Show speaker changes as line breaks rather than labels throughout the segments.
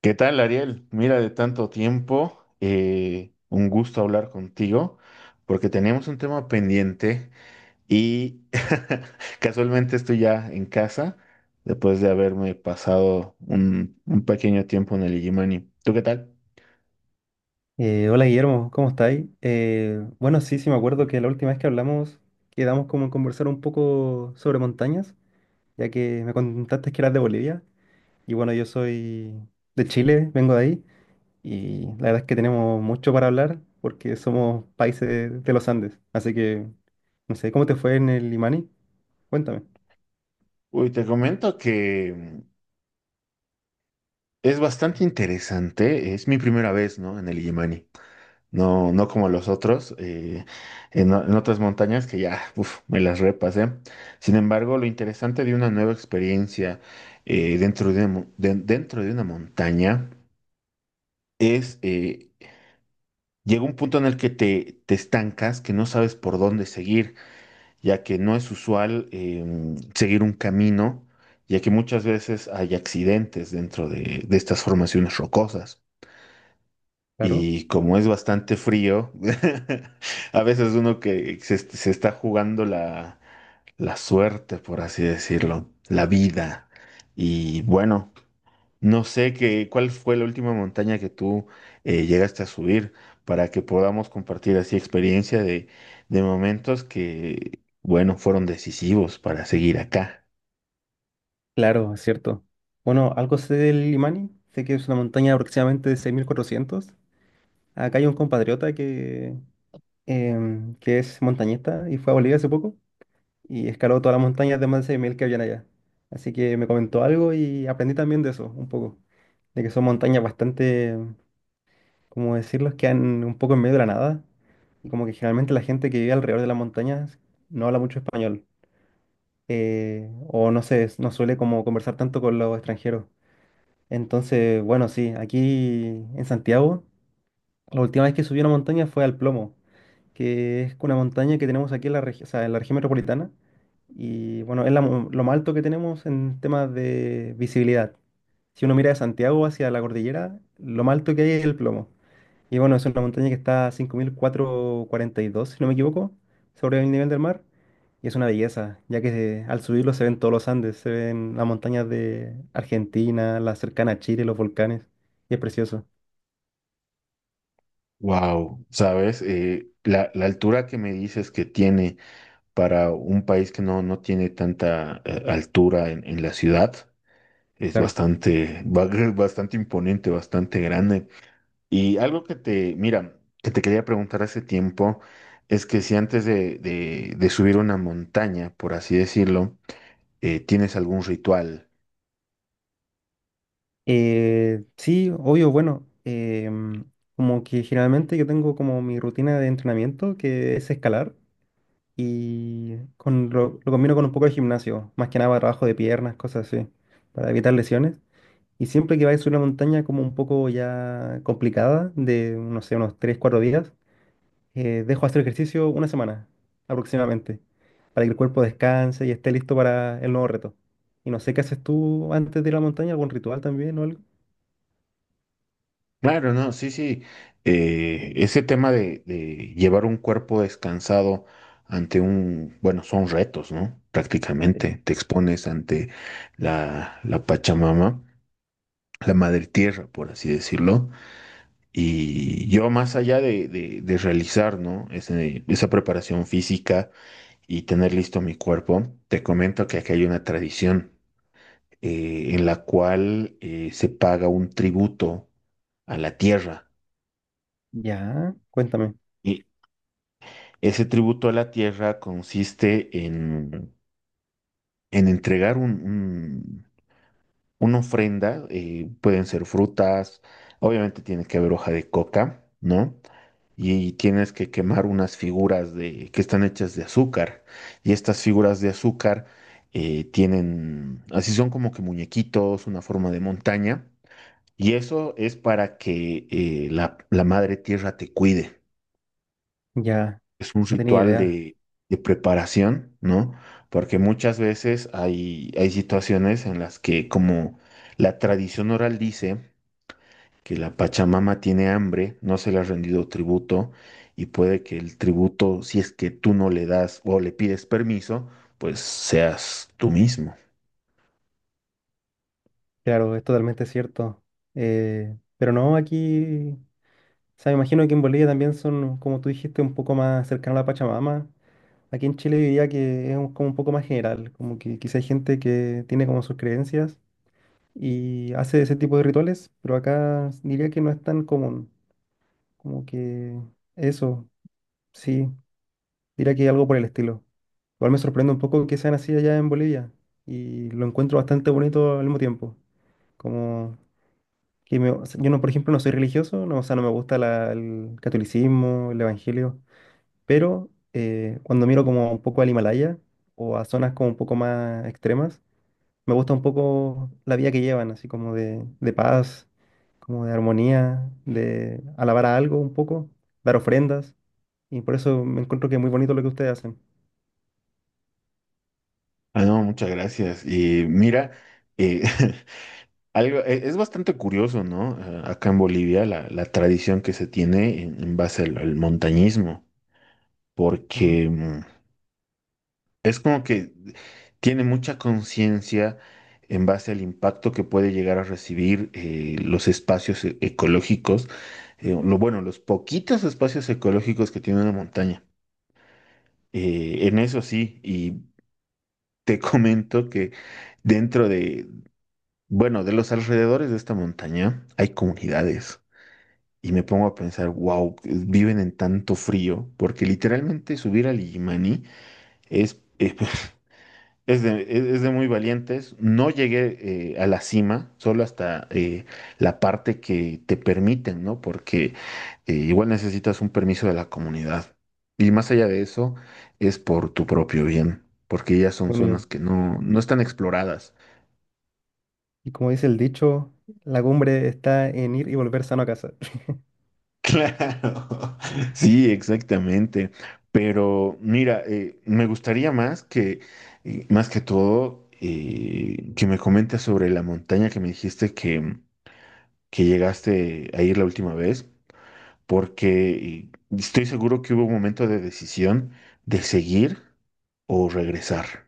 ¿Qué tal, Ariel? Mira, de tanto tiempo, un gusto hablar contigo, porque tenemos un tema pendiente y casualmente estoy ya en casa después de haberme pasado un pequeño tiempo en el Igimani. ¿Tú qué tal?
Hola Guillermo, ¿cómo estáis? Bueno, sí, sí me acuerdo que la última vez que hablamos quedamos como en conversar un poco sobre montañas, ya que me contaste que eras de Bolivia y bueno, yo soy de Chile, vengo de ahí y la verdad es que tenemos mucho para hablar porque somos países de los Andes, así que no sé, ¿cómo te fue en el Limani? Cuéntame.
Uy, te comento que es bastante interesante, es mi primera vez, ¿no? En el Igimani. No, no como los otros, en otras montañas que ya, uf, me las repasé. Sin embargo, lo interesante de una nueva experiencia dentro de una montaña es, eh, llega un punto en el que te estancas, que no sabes por dónde seguir, ya que no es usual seguir un camino, ya que muchas veces hay accidentes dentro de estas formaciones rocosas.
Claro,
Y como es bastante frío, a veces uno que se está jugando la suerte, por así decirlo, la vida. Y bueno, no sé qué, ¿cuál fue la última montaña que tú llegaste a subir para que podamos compartir así experiencia de momentos que, bueno, fueron decisivos para seguir acá.
claro, es cierto. Bueno, algo sé del Limani, sé que es una montaña de aproximadamente de 6.400. Acá hay un compatriota que que es montañista y fue a Bolivia hace poco y escaló todas las montañas de más de 6.000 que habían allá. Así que me comentó algo y aprendí también de eso un poco, de que son montañas bastante, ¿cómo decirlo? Que quedan un poco en medio de la nada y como que generalmente la gente que vive alrededor de las montañas no habla mucho español, o no sé, no suele como conversar tanto con los extranjeros. Entonces, bueno, sí, aquí en Santiago, la última vez que subí a una montaña fue al Plomo, que es una montaña que tenemos aquí en o sea, en la región metropolitana. Y bueno, es lo más alto que tenemos en temas de visibilidad. Si uno mira de Santiago hacia la cordillera, lo más alto que hay es el Plomo. Y bueno, es una montaña que está a 5.442, si no me equivoco, sobre el nivel del mar. Y es una belleza, ya que al subirlo se ven todos los Andes, se ven las montañas de Argentina, la cercana a Chile, los volcanes. Y es precioso.
Wow, ¿sabes? La altura que me dices que tiene para un país que no, no tiene tanta altura en la ciudad. Es
Claro.
bastante, bastante imponente, bastante grande. Y algo que te, mira, que te quería preguntar hace tiempo es que si antes de subir una montaña, por así decirlo, tienes algún ritual.
Sí, obvio, bueno, como que generalmente yo tengo como mi rutina de entrenamiento que es escalar y con lo combino con un poco de gimnasio, más que nada para trabajo de piernas, cosas así, para evitar lesiones. Y siempre que vaya a subir una montaña como un poco ya complicada, de no sé, unos 3 4 días, dejo hacer ejercicio una semana aproximadamente, para que el cuerpo descanse y esté listo para el nuevo reto. Y no sé qué haces tú antes de ir a la montaña, algún ritual también o algo.
Claro, no, sí, sí. Ese tema de llevar un cuerpo descansado ante un, bueno, son retos, ¿no? Prácticamente te expones ante la Pachamama, la madre tierra, por así decirlo. Y yo más allá de, de realizar, ¿no? Esa preparación física y tener listo mi cuerpo, te comento que aquí hay una tradición en la cual se paga un tributo a la tierra.
Ya, cuéntame.
Ese tributo a la tierra consiste en entregar una ofrenda, pueden ser frutas, obviamente tiene que haber hoja de coca, ¿no? Y tienes que quemar unas figuras de, que están hechas de azúcar. Y estas figuras de azúcar tienen, así son como que muñequitos, una forma de montaña. Y eso es para que la madre tierra te cuide.
Ya,
Es un
no tenía
ritual
idea.
de preparación, ¿no? Porque muchas veces hay situaciones en las que, como la tradición oral dice, que la Pachamama tiene hambre, no se le ha rendido tributo, y puede que el tributo, si es que tú no le das o le pides permiso, pues seas tú mismo.
Claro, es totalmente cierto. Pero no, aquí, o sea, me imagino que en Bolivia también son, como tú dijiste, un poco más cercano a la Pachamama. Aquí en Chile diría que es como un poco más general, como que quizá hay gente que tiene como sus creencias y hace ese tipo de rituales, pero acá diría que no es tan común. Como que eso, sí. Diría que algo por el estilo. Igual me sorprende un poco que sean así allá en Bolivia y lo encuentro bastante bonito al mismo tiempo. Como que o sea, yo no, por ejemplo, no soy religioso, no, o sea, no me gusta el catolicismo, el evangelio, pero cuando miro como un poco al Himalaya o a zonas como un poco más extremas, me gusta un poco la vida que llevan, así como de paz, como de armonía, de alabar a algo un poco, dar ofrendas, y por eso me encuentro que es muy bonito lo que ustedes hacen.
Ah, no, muchas gracias. Y mira, eh, algo, es bastante curioso, ¿no? Acá en Bolivia, la tradición que se tiene en base al montañismo.
¿Mm?
Porque es como que tiene mucha conciencia en base al impacto que puede llegar a recibir los espacios ecológicos, lo bueno, los poquitos espacios ecológicos que tiene una montaña. En eso sí, y te comento que dentro de, bueno, de los alrededores de esta montaña hay comunidades. Y me pongo a pensar, wow, viven en tanto frío, porque literalmente subir al Illimani es, es Es es de muy valientes. No llegué a la cima, solo hasta la parte que te permiten, ¿no? Porque igual necesitas un permiso de la comunidad. Y más allá de eso, es por tu propio bien, porque ya son zonas
Unido.
que no, no están exploradas.
Y como dice el dicho, la cumbre está en ir y volver sano a casa.
Claro, sí, exactamente. Pero mira, me gustaría más que todo, que me comentes sobre la montaña que me dijiste que llegaste a ir la última vez, porque estoy seguro que hubo un momento de decisión de seguir o regresar.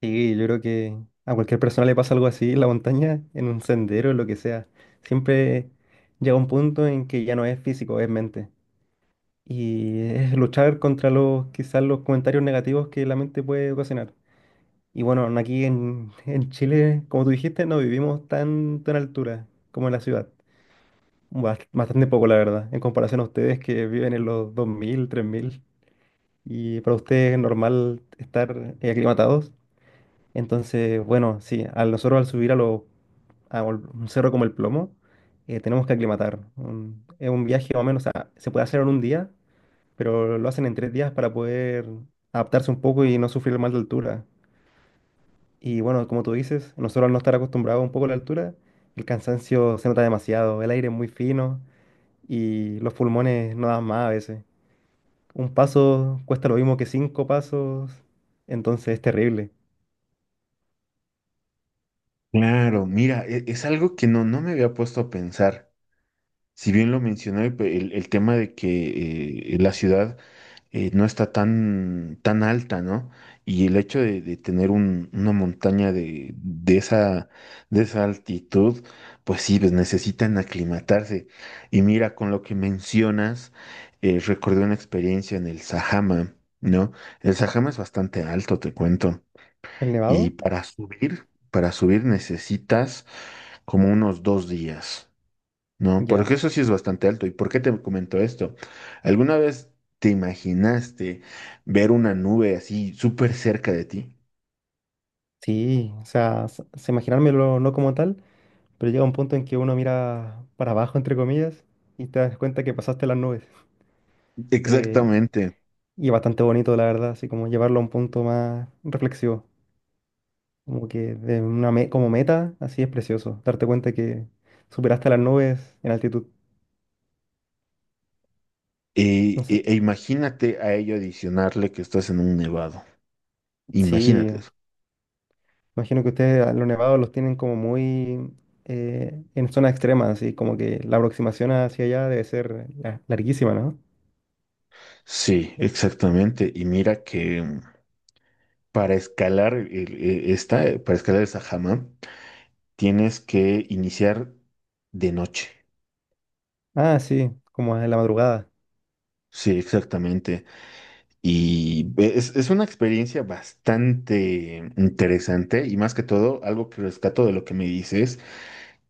Sí, yo creo que a cualquier persona le pasa algo así en la montaña, en un sendero, en lo que sea. Siempre llega un punto en que ya no es físico, es mente. Y es luchar contra los, quizás los comentarios negativos que la mente puede ocasionar. Y bueno, aquí en Chile, como tú dijiste, no vivimos tanto en altura como en la ciudad. Bastante poco, la verdad, en comparación a ustedes que viven en los 2.000 3.000 y para ustedes es normal estar aclimatados. Entonces, bueno, sí, a nosotros al subir a, lo, a un cerro como el Plomo, tenemos que aclimatar. Es un viaje más o menos, o sea, se puede hacer en un día, pero lo hacen en 3 días para poder adaptarse un poco y no sufrir mal de altura. Y bueno, como tú dices, nosotros al no estar acostumbrados un poco a la altura, el cansancio se nota demasiado, el aire es muy fino y los pulmones no dan más a veces. Un paso cuesta lo mismo que 5 pasos, entonces es terrible.
Claro, mira, es algo que no, no me había puesto a pensar. Si bien lo mencioné, el tema de que la ciudad no está tan, tan alta, ¿no? Y el hecho de tener una montaña de, de esa altitud, pues sí, pues necesitan aclimatarse. Y mira, con lo que mencionas, recordé una experiencia en el Sajama, ¿no? El Sajama es bastante alto, te cuento.
¿El
Y
nevado?
para subir necesitas como unos dos días. No, porque
Ya.
eso sí es bastante alto. ¿Y por qué te comento esto? ¿Alguna vez te imaginaste ver una nube así súper cerca de ti?
Sí, o sea, imaginármelo no como tal, pero llega un punto en que uno mira para abajo, entre comillas, y te das cuenta que pasaste las nubes. Eh,
Exactamente.
y es bastante bonito, la verdad, así como llevarlo a un punto más reflexivo. Como que de una como meta, así es precioso, darte cuenta que superaste las nubes en altitud.
E,
No sé.
E imagínate a ello adicionarle que estás en un nevado. Imagínate
Sí,
eso.
imagino que ustedes a los nevados los tienen como muy en zonas extremas, así como que la aproximación hacia allá debe ser larguísima, ¿no?
Sí, exactamente. Y mira que para escalar para escalar esa jama, tienes que iniciar de noche.
Ah, sí, como en la madrugada.
Sí, exactamente. Y es una experiencia bastante interesante y más que todo, algo que rescato de lo que me dices,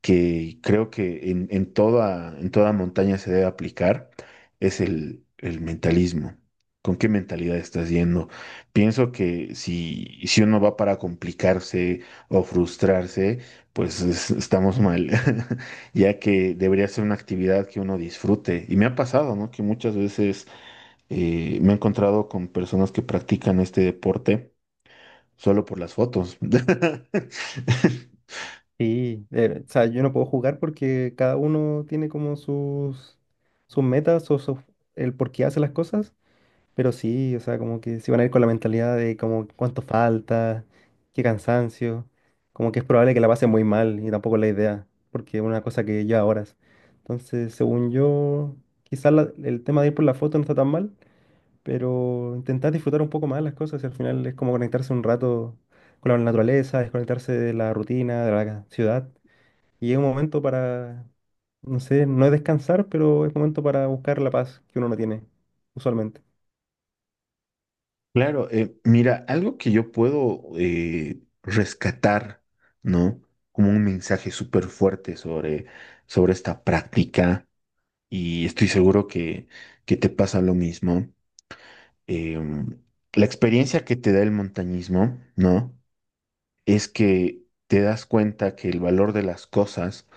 que creo que en toda montaña se debe aplicar, es el mentalismo. ¿Con qué mentalidad estás yendo? Pienso que si uno va para complicarse o frustrarse, pues estamos mal, ya que debería ser una actividad que uno disfrute. Y me ha pasado, ¿no? Que muchas veces me he encontrado con personas que practican este deporte solo por las fotos.
Sí, o sea, yo no puedo jugar porque cada uno tiene como sus metas o el por qué hace las cosas. Pero sí, o sea, como que se van a ir con la mentalidad de como cuánto falta, qué cansancio, como que es probable que la pasen muy mal y tampoco es la idea, porque es una cosa que lleva horas. Entonces, según yo, quizás el tema de ir por la foto no está tan mal, pero intentar disfrutar un poco más las cosas y al final es como conectarse un rato con la naturaleza, desconectarse de la rutina, de la ciudad. Y es un momento para, no sé, no es descansar, pero es momento para buscar la paz que uno no tiene, usualmente.
Claro, mira, algo que yo puedo rescatar, ¿no? Como un mensaje súper fuerte sobre, sobre esta práctica, y estoy seguro que te pasa lo mismo. Em, la experiencia que te da el montañismo, ¿no? Es que te das cuenta que el valor de las cosas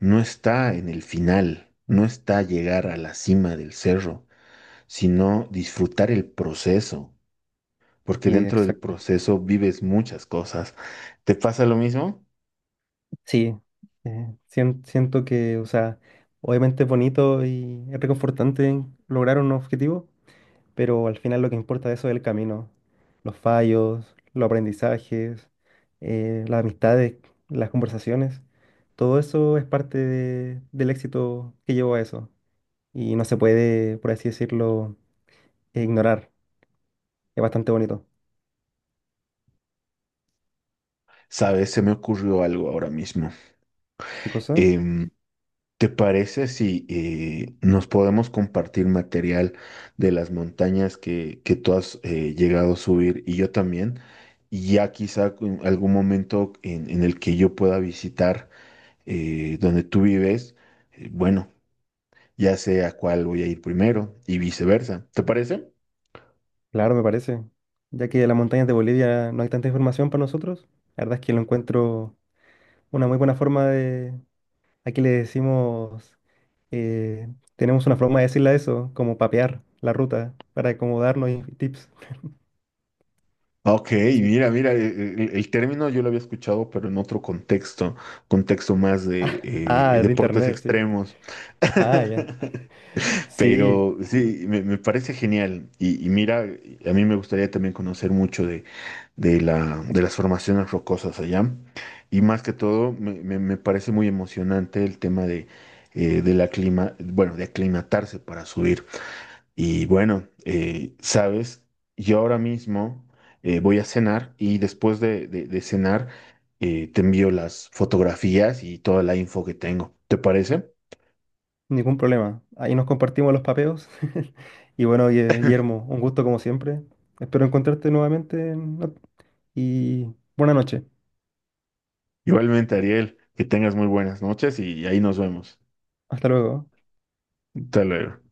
no está en el final, no está llegar a la cima del cerro, sino disfrutar el proceso, porque
Y
dentro del
exacto.
proceso vives muchas cosas. ¿Te pasa lo mismo?
Sí, siento que, o sea, obviamente es bonito y es reconfortante lograr un objetivo, pero al final lo que importa de eso es el camino, los fallos, los aprendizajes, las amistades, las conversaciones, todo eso es parte del éxito que llevó a eso y no se puede, por así decirlo, ignorar. Es bastante bonito.
Sabes, se me ocurrió algo ahora mismo.
¿Qué cosa?
Em, ¿te parece si nos podemos compartir material de las montañas que tú has llegado a subir y yo también? Y ya quizá en algún momento en el que yo pueda visitar donde tú vives, bueno, ya sé a cuál voy a ir primero y viceversa. ¿Te parece?
Claro, me parece. Ya que de las montañas de Bolivia no hay tanta información para nosotros, la verdad es que lo encuentro una muy buena forma de... Aquí le decimos, eh, tenemos una forma de decirle a eso, como papear la ruta para acomodarnos y tips.
Ok,
Sí.
mira, mira, el término yo lo había escuchado, pero en otro contexto, contexto más de
Ah, de
deportes
internet, sí.
extremos.
Ah, ya. Sí,
Pero sí, me parece genial. Y mira, a mí me gustaría también conocer mucho de, de las formaciones rocosas allá. Y más que todo, me, me parece muy emocionante el tema de la clima, bueno, de aclimatarse para subir. Y bueno, sabes, yo ahora mismo voy a cenar y después de, de cenar te envío las fotografías y toda la info que tengo. ¿Te parece?
ningún problema. Ahí nos compartimos los papeos. Y bueno, Guillermo, un gusto como siempre. Espero encontrarte nuevamente en y buena noche.
Igualmente, Ariel, que tengas muy buenas noches y ahí nos vemos.
Hasta luego.
Hasta luego.